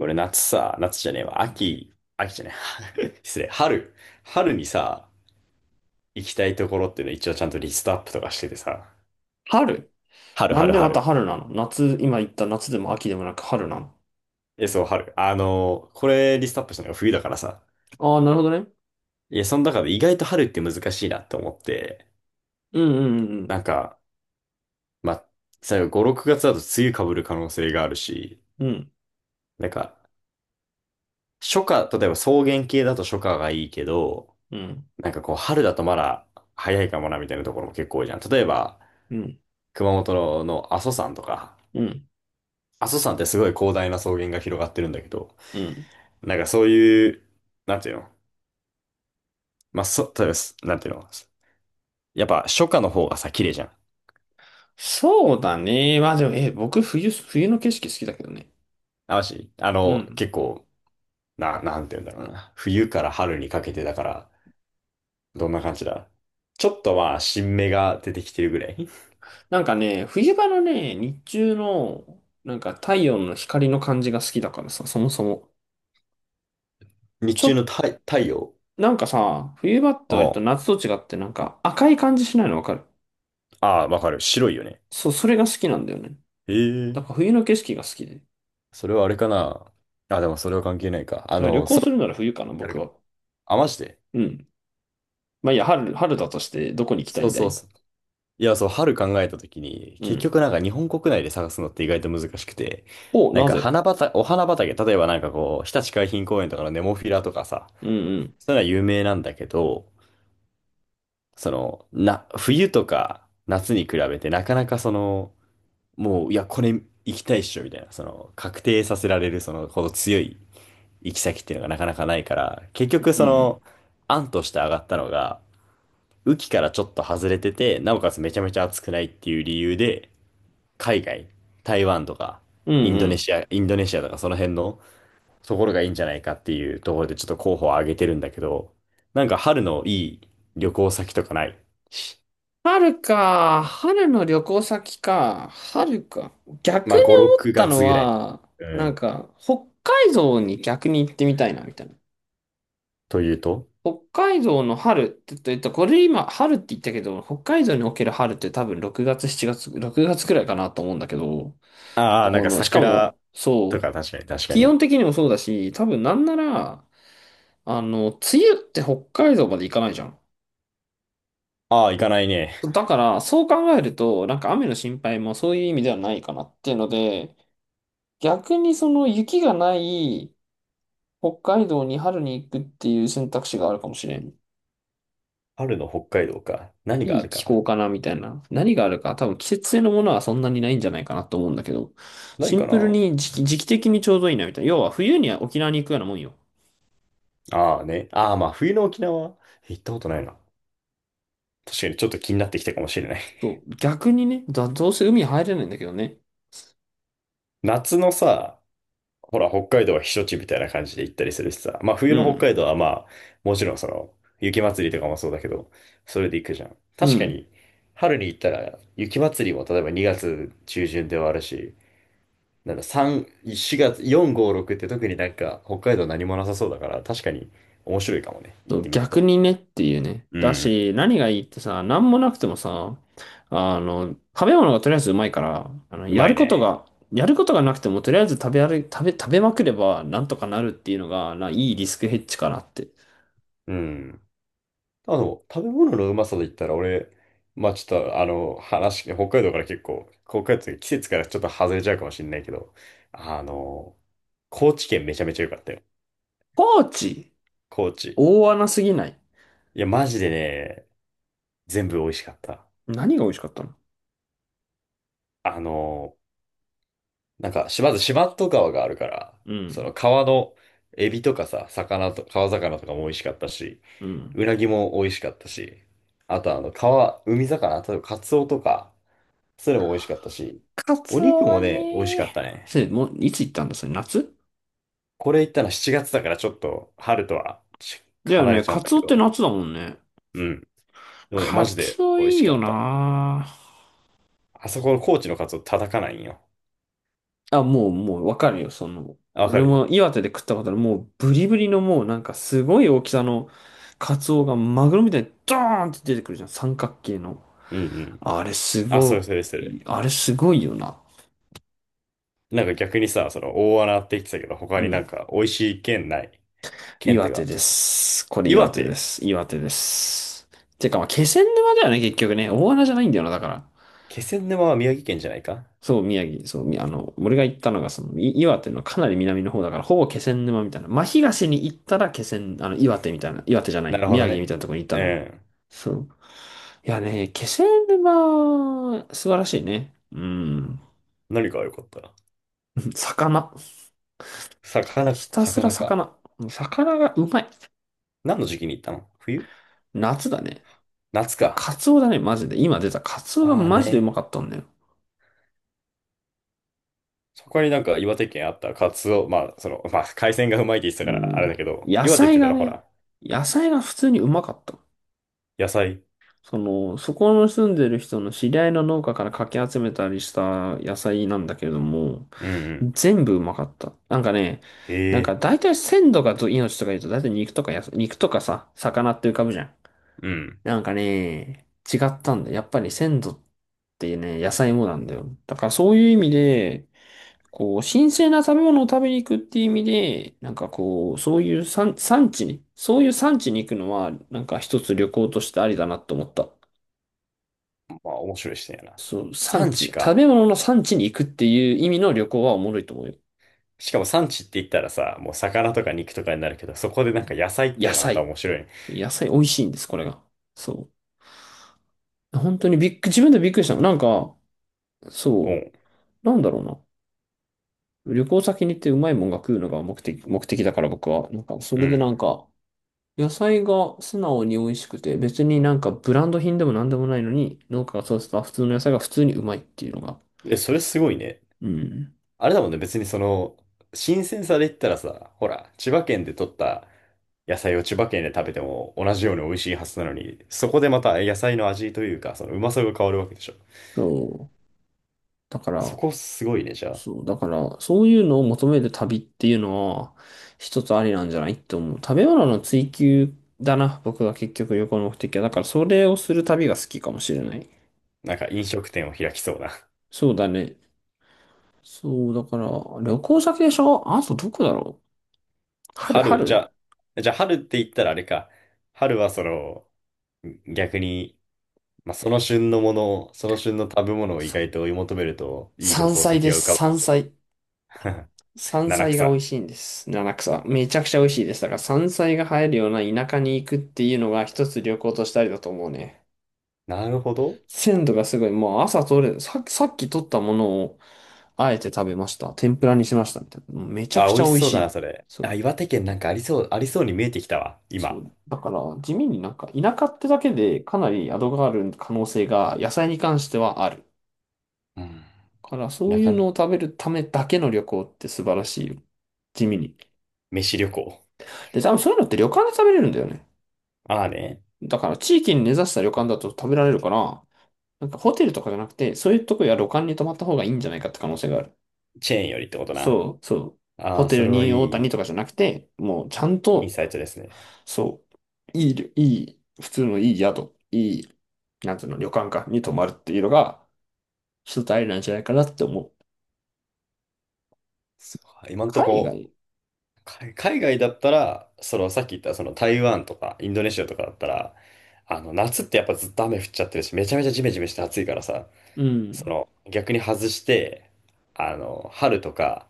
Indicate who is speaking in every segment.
Speaker 1: 俺夏さ、夏じゃねえわ、秋、秋じゃねえ、失礼、春、春にさ、行きたいところっていうの一応ちゃんとリストアップとかしててさ、
Speaker 2: 春。
Speaker 1: 春、
Speaker 2: なん
Speaker 1: 春、
Speaker 2: でまた
Speaker 1: 春。
Speaker 2: 春なの？夏、今言った夏でも秋でもなく春なの？
Speaker 1: え、そう、春。これリストアップしたのが冬だからさ、
Speaker 2: ああー、なるほどね。
Speaker 1: いや、その中で意外と春って難しいなって思って、
Speaker 2: うんうん
Speaker 1: なんか、まあ、最後5、6月だと梅雨被る可能性があるし、
Speaker 2: うんうん。
Speaker 1: なんか、初夏、例えば草原系だと初夏がいいけど、
Speaker 2: うん
Speaker 1: なんかこう、春だとまだ早いかもなみたいなところも結構多いじゃん。例えば、
Speaker 2: うん
Speaker 1: 熊本の阿蘇山とか、
Speaker 2: うんうん
Speaker 1: 阿蘇山ってすごい広大な草原が広がってるんだけど、
Speaker 2: うん。
Speaker 1: なんかそういう、なんていうの、まあ、例えばす、なんていうの、やっぱ初夏の方がさ、綺麗じゃん。
Speaker 2: そうだね。まあでも、僕冬の景色好きだけどね。
Speaker 1: あ、
Speaker 2: うん。
Speaker 1: 結構、なんていうんだろうな。冬から春にかけてだから、どんな感じだ、ちょっとまあ、新芽が出てきてるぐらい。
Speaker 2: なんかね、冬場のね、日中の、なんか太陽の光の感じが好きだからさ、そもそも。
Speaker 1: 日
Speaker 2: ち
Speaker 1: 中
Speaker 2: ょ、
Speaker 1: の太陽。
Speaker 2: なんかさ、冬場って割と
Speaker 1: あ
Speaker 2: 夏と違ってなんか赤い感じしないのわかる？
Speaker 1: あ、あわかる。白いよね。
Speaker 2: そう、それが好きなんだよね。
Speaker 1: え
Speaker 2: だから
Speaker 1: え。
Speaker 2: 冬の景色が好きで。だ
Speaker 1: それはあれかな。あ、でもそれは関係ないか。
Speaker 2: から旅行
Speaker 1: 空
Speaker 2: するなら冬かな、
Speaker 1: に、なる
Speaker 2: 僕
Speaker 1: か。
Speaker 2: は。
Speaker 1: あ、マジで。
Speaker 2: うん。まあいいや、春、春だとしてどこに行きたい
Speaker 1: そう
Speaker 2: んだ
Speaker 1: そう
Speaker 2: い？
Speaker 1: そう。いや、そう、春考えたときに、
Speaker 2: う
Speaker 1: 結
Speaker 2: ん。
Speaker 1: 局なんか日本国内で探すのって意外と難しくて、
Speaker 2: お、
Speaker 1: なん
Speaker 2: な
Speaker 1: か
Speaker 2: ぜ？
Speaker 1: 花畑、お花畑、例えばなんかこう、日立海浜公園とかのネモフィラとかさ、
Speaker 2: うんうん。
Speaker 1: そういうのは有名なんだけど、その、な、冬とか夏に比べてなかなかその、もう、いや、これ行きたいっしょ、みたいな、その、確定させられる、その、ほど強い行き先っていうのがなかなかないから、結
Speaker 2: うん
Speaker 1: 局
Speaker 2: う
Speaker 1: そ
Speaker 2: ん。
Speaker 1: の、案として上がったのが、雨季からちょっと外れてて、なおかつめちゃめちゃ暑くないっていう理由で、海外、台湾とか、
Speaker 2: うん
Speaker 1: イン
Speaker 2: う
Speaker 1: ドネ
Speaker 2: ん。
Speaker 1: シア、インドネシアとかその辺のところがいいんじゃないかっていうところでちょっと候補を挙げてるんだけど、なんか春のいい旅行先とかないし、
Speaker 2: 春か。春の旅行先か。春か。逆
Speaker 1: まあ
Speaker 2: に
Speaker 1: 5、
Speaker 2: 思っ
Speaker 1: 6
Speaker 2: たの
Speaker 1: 月ぐらい。
Speaker 2: は、
Speaker 1: う
Speaker 2: なん
Speaker 1: ん。
Speaker 2: か、北海道に逆に行ってみたいな、みたいな。
Speaker 1: というと、
Speaker 2: 北海道の春って言った、これ今、春って言ったけど、北海道における春って多分6月、7月、6月くらいかなと思うんだけど、
Speaker 1: ああー、なんか
Speaker 2: しか
Speaker 1: 桜
Speaker 2: も、
Speaker 1: と
Speaker 2: そう、
Speaker 1: か、確かに確か
Speaker 2: 気
Speaker 1: に。
Speaker 2: 温的にもそうだし、多分なんなら、梅雨って北海道まで行かないじゃん。
Speaker 1: ああ、行かないね。
Speaker 2: だから、そう考えると、なんか雨の心配もそういう意味ではないかなっていうので、逆にその雪がない北海道に春に行くっていう選択肢があるかもしれん。
Speaker 1: 春の北海道か。何があ
Speaker 2: いい
Speaker 1: るか
Speaker 2: 気
Speaker 1: な。
Speaker 2: 候かなみたいな。何があるか、多分季節性のものはそんなにないんじゃないかなと思うんだけど、
Speaker 1: な
Speaker 2: シ
Speaker 1: い
Speaker 2: ン
Speaker 1: か
Speaker 2: プル
Speaker 1: な。
Speaker 2: に時期的にちょうどいいなみたいな。要は冬には沖縄に行くようなもんよ。
Speaker 1: ああね。ああ、まあ冬の沖縄行ったことないな。確かにちょっと気になってきたかもしれない。
Speaker 2: そう、逆にね、どうせ海入れないんだけどね。
Speaker 1: 夏のさ、ほら、北海道は避暑地みたいな感じで行ったりするしさ。まあ、
Speaker 2: う
Speaker 1: 冬の
Speaker 2: ん。
Speaker 1: 北海道はまあ、もちろんその、雪祭りとかもそうだけど、それで行くじゃん。
Speaker 2: う
Speaker 1: 確か
Speaker 2: ん。
Speaker 1: に、春に行ったら、雪祭りも例えば2月中旬ではあるし、なんだ、3、4月、4、5、6って特になんか、北海道何もなさそうだから、確かに面白いかもね。行
Speaker 2: そ
Speaker 1: っ
Speaker 2: う
Speaker 1: てみる
Speaker 2: 逆
Speaker 1: と。
Speaker 2: にねっていうね。
Speaker 1: う
Speaker 2: だ
Speaker 1: ん。
Speaker 2: し、何がいいってさ、何もなくてもさ、食べ物がとりあえずうまいから、
Speaker 1: う
Speaker 2: や
Speaker 1: ま
Speaker 2: る
Speaker 1: い
Speaker 2: こと
Speaker 1: ね。
Speaker 2: が、やることがなくてもとりあえず食べ歩い、食べ、食べまくればなんとかなるっていうのが、いいリスクヘッジかなって。
Speaker 1: うん。食べ物のうまさで言ったら、俺、まあちょっと、話、北海道から結構、北海道って季節からちょっと外れちゃうかもしれないけど、あの、高知県めちゃめちゃ良かったよ。
Speaker 2: 高知、
Speaker 1: 高知。
Speaker 2: 大穴すぎない？
Speaker 1: いや、マジでね、全部美味しかった。
Speaker 2: 何が美味しかったの？
Speaker 1: あの、なんか、しまず四万十川があるから、
Speaker 2: う
Speaker 1: そ
Speaker 2: ん。
Speaker 1: の川のエビとかさ、魚と、川魚とかも美味しかったし、
Speaker 2: うん。
Speaker 1: うなぎも美味しかったし、あと川、海魚、あとカツオとか、それも美味しかったし、
Speaker 2: カ
Speaker 1: お
Speaker 2: ツ
Speaker 1: 肉
Speaker 2: オ
Speaker 1: も
Speaker 2: は
Speaker 1: ね、美味しかっ
Speaker 2: ね、
Speaker 1: たね。
Speaker 2: もう、いつ行ったんだそれ、夏？
Speaker 1: これ行ったの7月だからちょっと春とはち
Speaker 2: だよ
Speaker 1: 離
Speaker 2: ね。
Speaker 1: れちゃう
Speaker 2: カ
Speaker 1: んだ
Speaker 2: ツ
Speaker 1: け
Speaker 2: オって
Speaker 1: ど、
Speaker 2: 夏だもんね。
Speaker 1: うん。でもね、マ
Speaker 2: カ
Speaker 1: ジで
Speaker 2: ツオ
Speaker 1: 美味
Speaker 2: い
Speaker 1: し
Speaker 2: い
Speaker 1: か
Speaker 2: よ
Speaker 1: った。
Speaker 2: な。
Speaker 1: あそこの高知のカツオ叩かないんよ。
Speaker 2: あ、もう、わかるよ、
Speaker 1: あわか
Speaker 2: 俺
Speaker 1: る、
Speaker 2: も岩手で食ったことある、もう、ブリブリのもう、なんか、すごい大きさの、カツオがマグロみたいに、ドーンって出てくるじゃん、三角形の。
Speaker 1: うんうん。
Speaker 2: あれ、す
Speaker 1: あ、それ
Speaker 2: ご
Speaker 1: それそれ。
Speaker 2: あれ、すごいよな。
Speaker 1: なんか逆にさ、その大穴って言ってたけど、他
Speaker 2: う
Speaker 1: になん
Speaker 2: ん。
Speaker 1: か美味しい県ない？県って
Speaker 2: 岩手
Speaker 1: か、ち
Speaker 2: で
Speaker 1: ょっと、
Speaker 2: す。これ、
Speaker 1: 岩
Speaker 2: 岩手で
Speaker 1: 手、
Speaker 2: す。岩手です。てか、まあ、気仙沼だよね、結局ね。大穴じゃないんだよな、だから。
Speaker 1: 気仙沼は宮城県じゃないか？
Speaker 2: そう、宮城、そう、みあの、俺が行ったのが、岩手のかなり南の方だから、ほぼ気仙沼みたいな。真東に行ったら気仙、あの、岩手みたいな、岩手じゃな
Speaker 1: な
Speaker 2: い、
Speaker 1: るほ
Speaker 2: 宮
Speaker 1: ど
Speaker 2: 城み
Speaker 1: ね。
Speaker 2: たいなところに行った
Speaker 1: う
Speaker 2: のよ。
Speaker 1: ん。
Speaker 2: そう。いやね、気仙沼、素晴らしいね。うん。
Speaker 1: 何が良かった？
Speaker 2: 魚。
Speaker 1: 魚、
Speaker 2: ひたすら
Speaker 1: 魚か。
Speaker 2: 魚。魚がうまい。
Speaker 1: 何の時期に行ったの？冬？
Speaker 2: 夏だね。
Speaker 1: 夏
Speaker 2: だか
Speaker 1: か。
Speaker 2: らカツオだね、マジで。今出たカツオが
Speaker 1: ああ
Speaker 2: マジでう
Speaker 1: ね。
Speaker 2: まかったんだよ。
Speaker 1: そこになんか岩手県あったカツオ、まあ、その、まあ、海鮮がうまいって言ってた
Speaker 2: う
Speaker 1: からあれだ
Speaker 2: ん。
Speaker 1: けど、
Speaker 2: 野
Speaker 1: 岩手って
Speaker 2: 菜
Speaker 1: 言った
Speaker 2: が
Speaker 1: らほ
Speaker 2: ね、
Speaker 1: ら、
Speaker 2: 野菜が普通にうまかった。
Speaker 1: 野菜。
Speaker 2: そこの住んでる人の知り合いの農家からかき集めたりした野菜なんだけれども、
Speaker 1: うんうん。
Speaker 2: 全部うまかった。なんか
Speaker 1: ええ、
Speaker 2: 大体鮮度がど命とか言うと大体肉とかさ、魚って浮かぶじゃん。
Speaker 1: うん。
Speaker 2: なんかね、違ったんだよ。やっぱり鮮度ってね、野菜もなんだよ。だからそういう意味で、こう、新鮮な食べ物を食べに行くっていう意味で、なんかこう、そういう産、産地に、そういう産地に行くのは、なんか一つ旅行としてありだなと思った。
Speaker 1: まあ、面白い視点やな。
Speaker 2: そう、産
Speaker 1: 産
Speaker 2: 地、
Speaker 1: 地
Speaker 2: 食
Speaker 1: か。
Speaker 2: べ物の産地に行くっていう意味の旅行はおもろいと思うよ。
Speaker 1: しかも産地って言ったらさ、もう魚とか肉とかになるけど、そこでなんか野菜って
Speaker 2: 野
Speaker 1: のがまた
Speaker 2: 菜。
Speaker 1: 面白い。
Speaker 2: 野菜美味しいんです、これが。そう。本当にびっく、自分でびっくりしたの。なんか、
Speaker 1: う
Speaker 2: そ
Speaker 1: ん。
Speaker 2: う、なんだろうな。旅行先に行ってうまいもんが食うのが目的だから僕は。なんか、そ
Speaker 1: う
Speaker 2: れで
Speaker 1: ん。
Speaker 2: なんか、野菜が素直に美味しくて、別になんかブランド品でもなんでもないのに、農家が育てた普通の野菜が普通にうまいっていうのが。
Speaker 1: え、それすごいね。
Speaker 2: うん。
Speaker 1: あれだもんね、別にその、新鮮さで言ったらさ、ほら、千葉県で取った野菜を千葉県で食べても同じように美味しいはずなのに、そこでまた野菜の味というか、そのうまさが変わるわけでしょ。
Speaker 2: そう。だか
Speaker 1: そ
Speaker 2: ら、
Speaker 1: こすごいね、じゃあ。
Speaker 2: そう、だから、そういうのを求める旅っていうのは、一つありなんじゃないって思う。食べ物の追求だな、僕が結局旅行の目的は。だから、それをする旅が好きかもしれない。
Speaker 1: なんか飲食店を開きそうな。
Speaker 2: そうだね。そう、だから、旅行先でしょ。あとどこだろう？春、
Speaker 1: 春、じ
Speaker 2: 春。
Speaker 1: ゃあ、じゃあ春って言ったらあれか。春はその、逆に、まあ、その旬のものを、その旬の食べ物を意
Speaker 2: そ
Speaker 1: 外と追い求めると、いい旅
Speaker 2: 山
Speaker 1: 行
Speaker 2: 菜
Speaker 1: 先
Speaker 2: で
Speaker 1: が浮
Speaker 2: す、
Speaker 1: かぶか
Speaker 2: 山
Speaker 1: もしれ
Speaker 2: 菜。
Speaker 1: ない。
Speaker 2: 山
Speaker 1: 七
Speaker 2: 菜が美味
Speaker 1: 草。
Speaker 2: しいんです。七草。めちゃくちゃ美味しいです。だから、山菜が生えるような田舎に行くっていうのが一つ旅行としたりだと思うね。
Speaker 1: なるほど。
Speaker 2: 鮮度がすごい。もう朝取れ、さ、さっき取ったものを、あえて食べました。天ぷらにしました。みたいな。もうめちゃく
Speaker 1: あ、
Speaker 2: ち
Speaker 1: 美味
Speaker 2: ゃ
Speaker 1: し
Speaker 2: 美味
Speaker 1: そう
Speaker 2: し
Speaker 1: だな、
Speaker 2: い。
Speaker 1: それ。
Speaker 2: そ
Speaker 1: あ、
Speaker 2: う、
Speaker 1: 岩手県なんかありそう、ありそうに見えてきたわ、
Speaker 2: そ
Speaker 1: 今。
Speaker 2: う。だから、地味になんか、田舎ってだけでかなり宿がある可能性が、野菜に関してはある。
Speaker 1: うん。
Speaker 2: だから、そうい
Speaker 1: 中
Speaker 2: う
Speaker 1: 野、
Speaker 2: のを食べるためだけの旅行って素晴らしいよ。地味に。
Speaker 1: 飯旅行。
Speaker 2: で、多分そういうのって旅館で食べれるんだよね。
Speaker 1: ああね、
Speaker 2: だから、地域に根ざした旅館だと食べられるから、なんかホテルとかじゃなくて、そういうとこや旅館に泊まった方がいいんじゃないかって可能性がある。
Speaker 1: チェーンよりってことな。
Speaker 2: そう、そう。
Speaker 1: あ
Speaker 2: ホ
Speaker 1: あ、
Speaker 2: テ
Speaker 1: そ
Speaker 2: ル
Speaker 1: れはい
Speaker 2: に大谷とかじ
Speaker 1: い
Speaker 2: ゃなくて、もうちゃん
Speaker 1: イン
Speaker 2: と、
Speaker 1: サイトですね。
Speaker 2: そう、いい旅、いい、普通のいい宿、なんつうの、旅館か、に泊まるっていうのが、一つありなんじゃないかなって思う。
Speaker 1: そう今んと
Speaker 2: 海
Speaker 1: こ、
Speaker 2: 外。
Speaker 1: 海外だったら、そのさっき言ったその台湾とかインドネシアとかだったら、夏ってやっぱずっと雨降っちゃってるし、めちゃめちゃジメジメして暑いからさ、
Speaker 2: う
Speaker 1: そ
Speaker 2: ん、
Speaker 1: の逆に外して、春とか、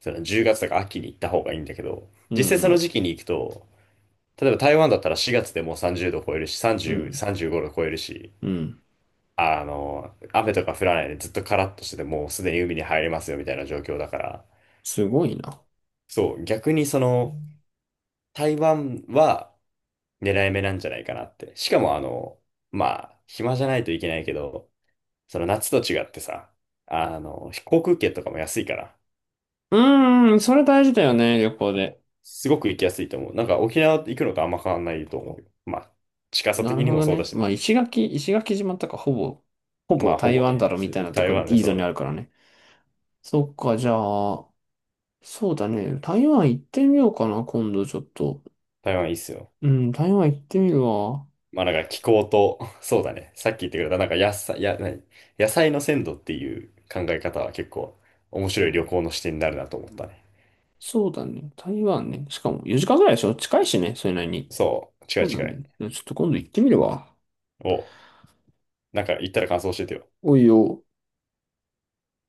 Speaker 1: その10月とか秋に行った方がいいんだけど、
Speaker 2: う
Speaker 1: 実際その
Speaker 2: ん、
Speaker 1: 時期に行くと、例えば台湾だったら4月でもう30度超えるし、
Speaker 2: う
Speaker 1: 30、
Speaker 2: ん、
Speaker 1: 35度超えるし、
Speaker 2: うん。
Speaker 1: 雨とか降らないでずっとカラッとしててもうすでに海に入れますよみたいな状況だから、
Speaker 2: すごいな。
Speaker 1: そう、逆にその、台湾は狙い目なんじゃないかなって。しかもまあ、暇じゃないといけないけど、その夏と違ってさ、航空券とかも安いから、
Speaker 2: うーん、それ大事だよね、旅行で。
Speaker 1: すごく行きやすいと思う。なんか沖縄行くのとあんま変わんないと思うよ。まあ、近さ
Speaker 2: なる
Speaker 1: 的に
Speaker 2: ほ
Speaker 1: も
Speaker 2: ど
Speaker 1: そうだ
Speaker 2: ね。
Speaker 1: し
Speaker 2: まあ、
Speaker 1: ね。
Speaker 2: 石垣島とかほぼ、ほ
Speaker 1: ま
Speaker 2: ぼ
Speaker 1: あ、ほ
Speaker 2: 台
Speaker 1: ぼ
Speaker 2: 湾
Speaker 1: ね、
Speaker 2: だろみたいなと
Speaker 1: 台
Speaker 2: ころ、
Speaker 1: 湾ね、
Speaker 2: いい
Speaker 1: そ
Speaker 2: ぞにあ
Speaker 1: う、
Speaker 2: るからね。そっか、じゃあ、そうだね。台湾行ってみようかな、今度ちょっと。
Speaker 1: 台湾いいっすよ。
Speaker 2: うん、台湾行ってみるわ。
Speaker 1: まあなんか気候と、そうだね。さっき言ってくれた、なんか野菜、何、野菜の鮮度っていう考え方は結構面
Speaker 2: う
Speaker 1: 白い旅
Speaker 2: ん。
Speaker 1: 行の視点になるなと思ったね。
Speaker 2: そうだね。台湾ね。しかも4時間ぐらいでしょ近いしね、それなりに。
Speaker 1: そう、近
Speaker 2: そ
Speaker 1: い
Speaker 2: うだ
Speaker 1: 近い。
Speaker 2: ね。ちょっと今度行ってみるわ。
Speaker 1: おう、なんか言ったら感想教えてよ。
Speaker 2: おいよ。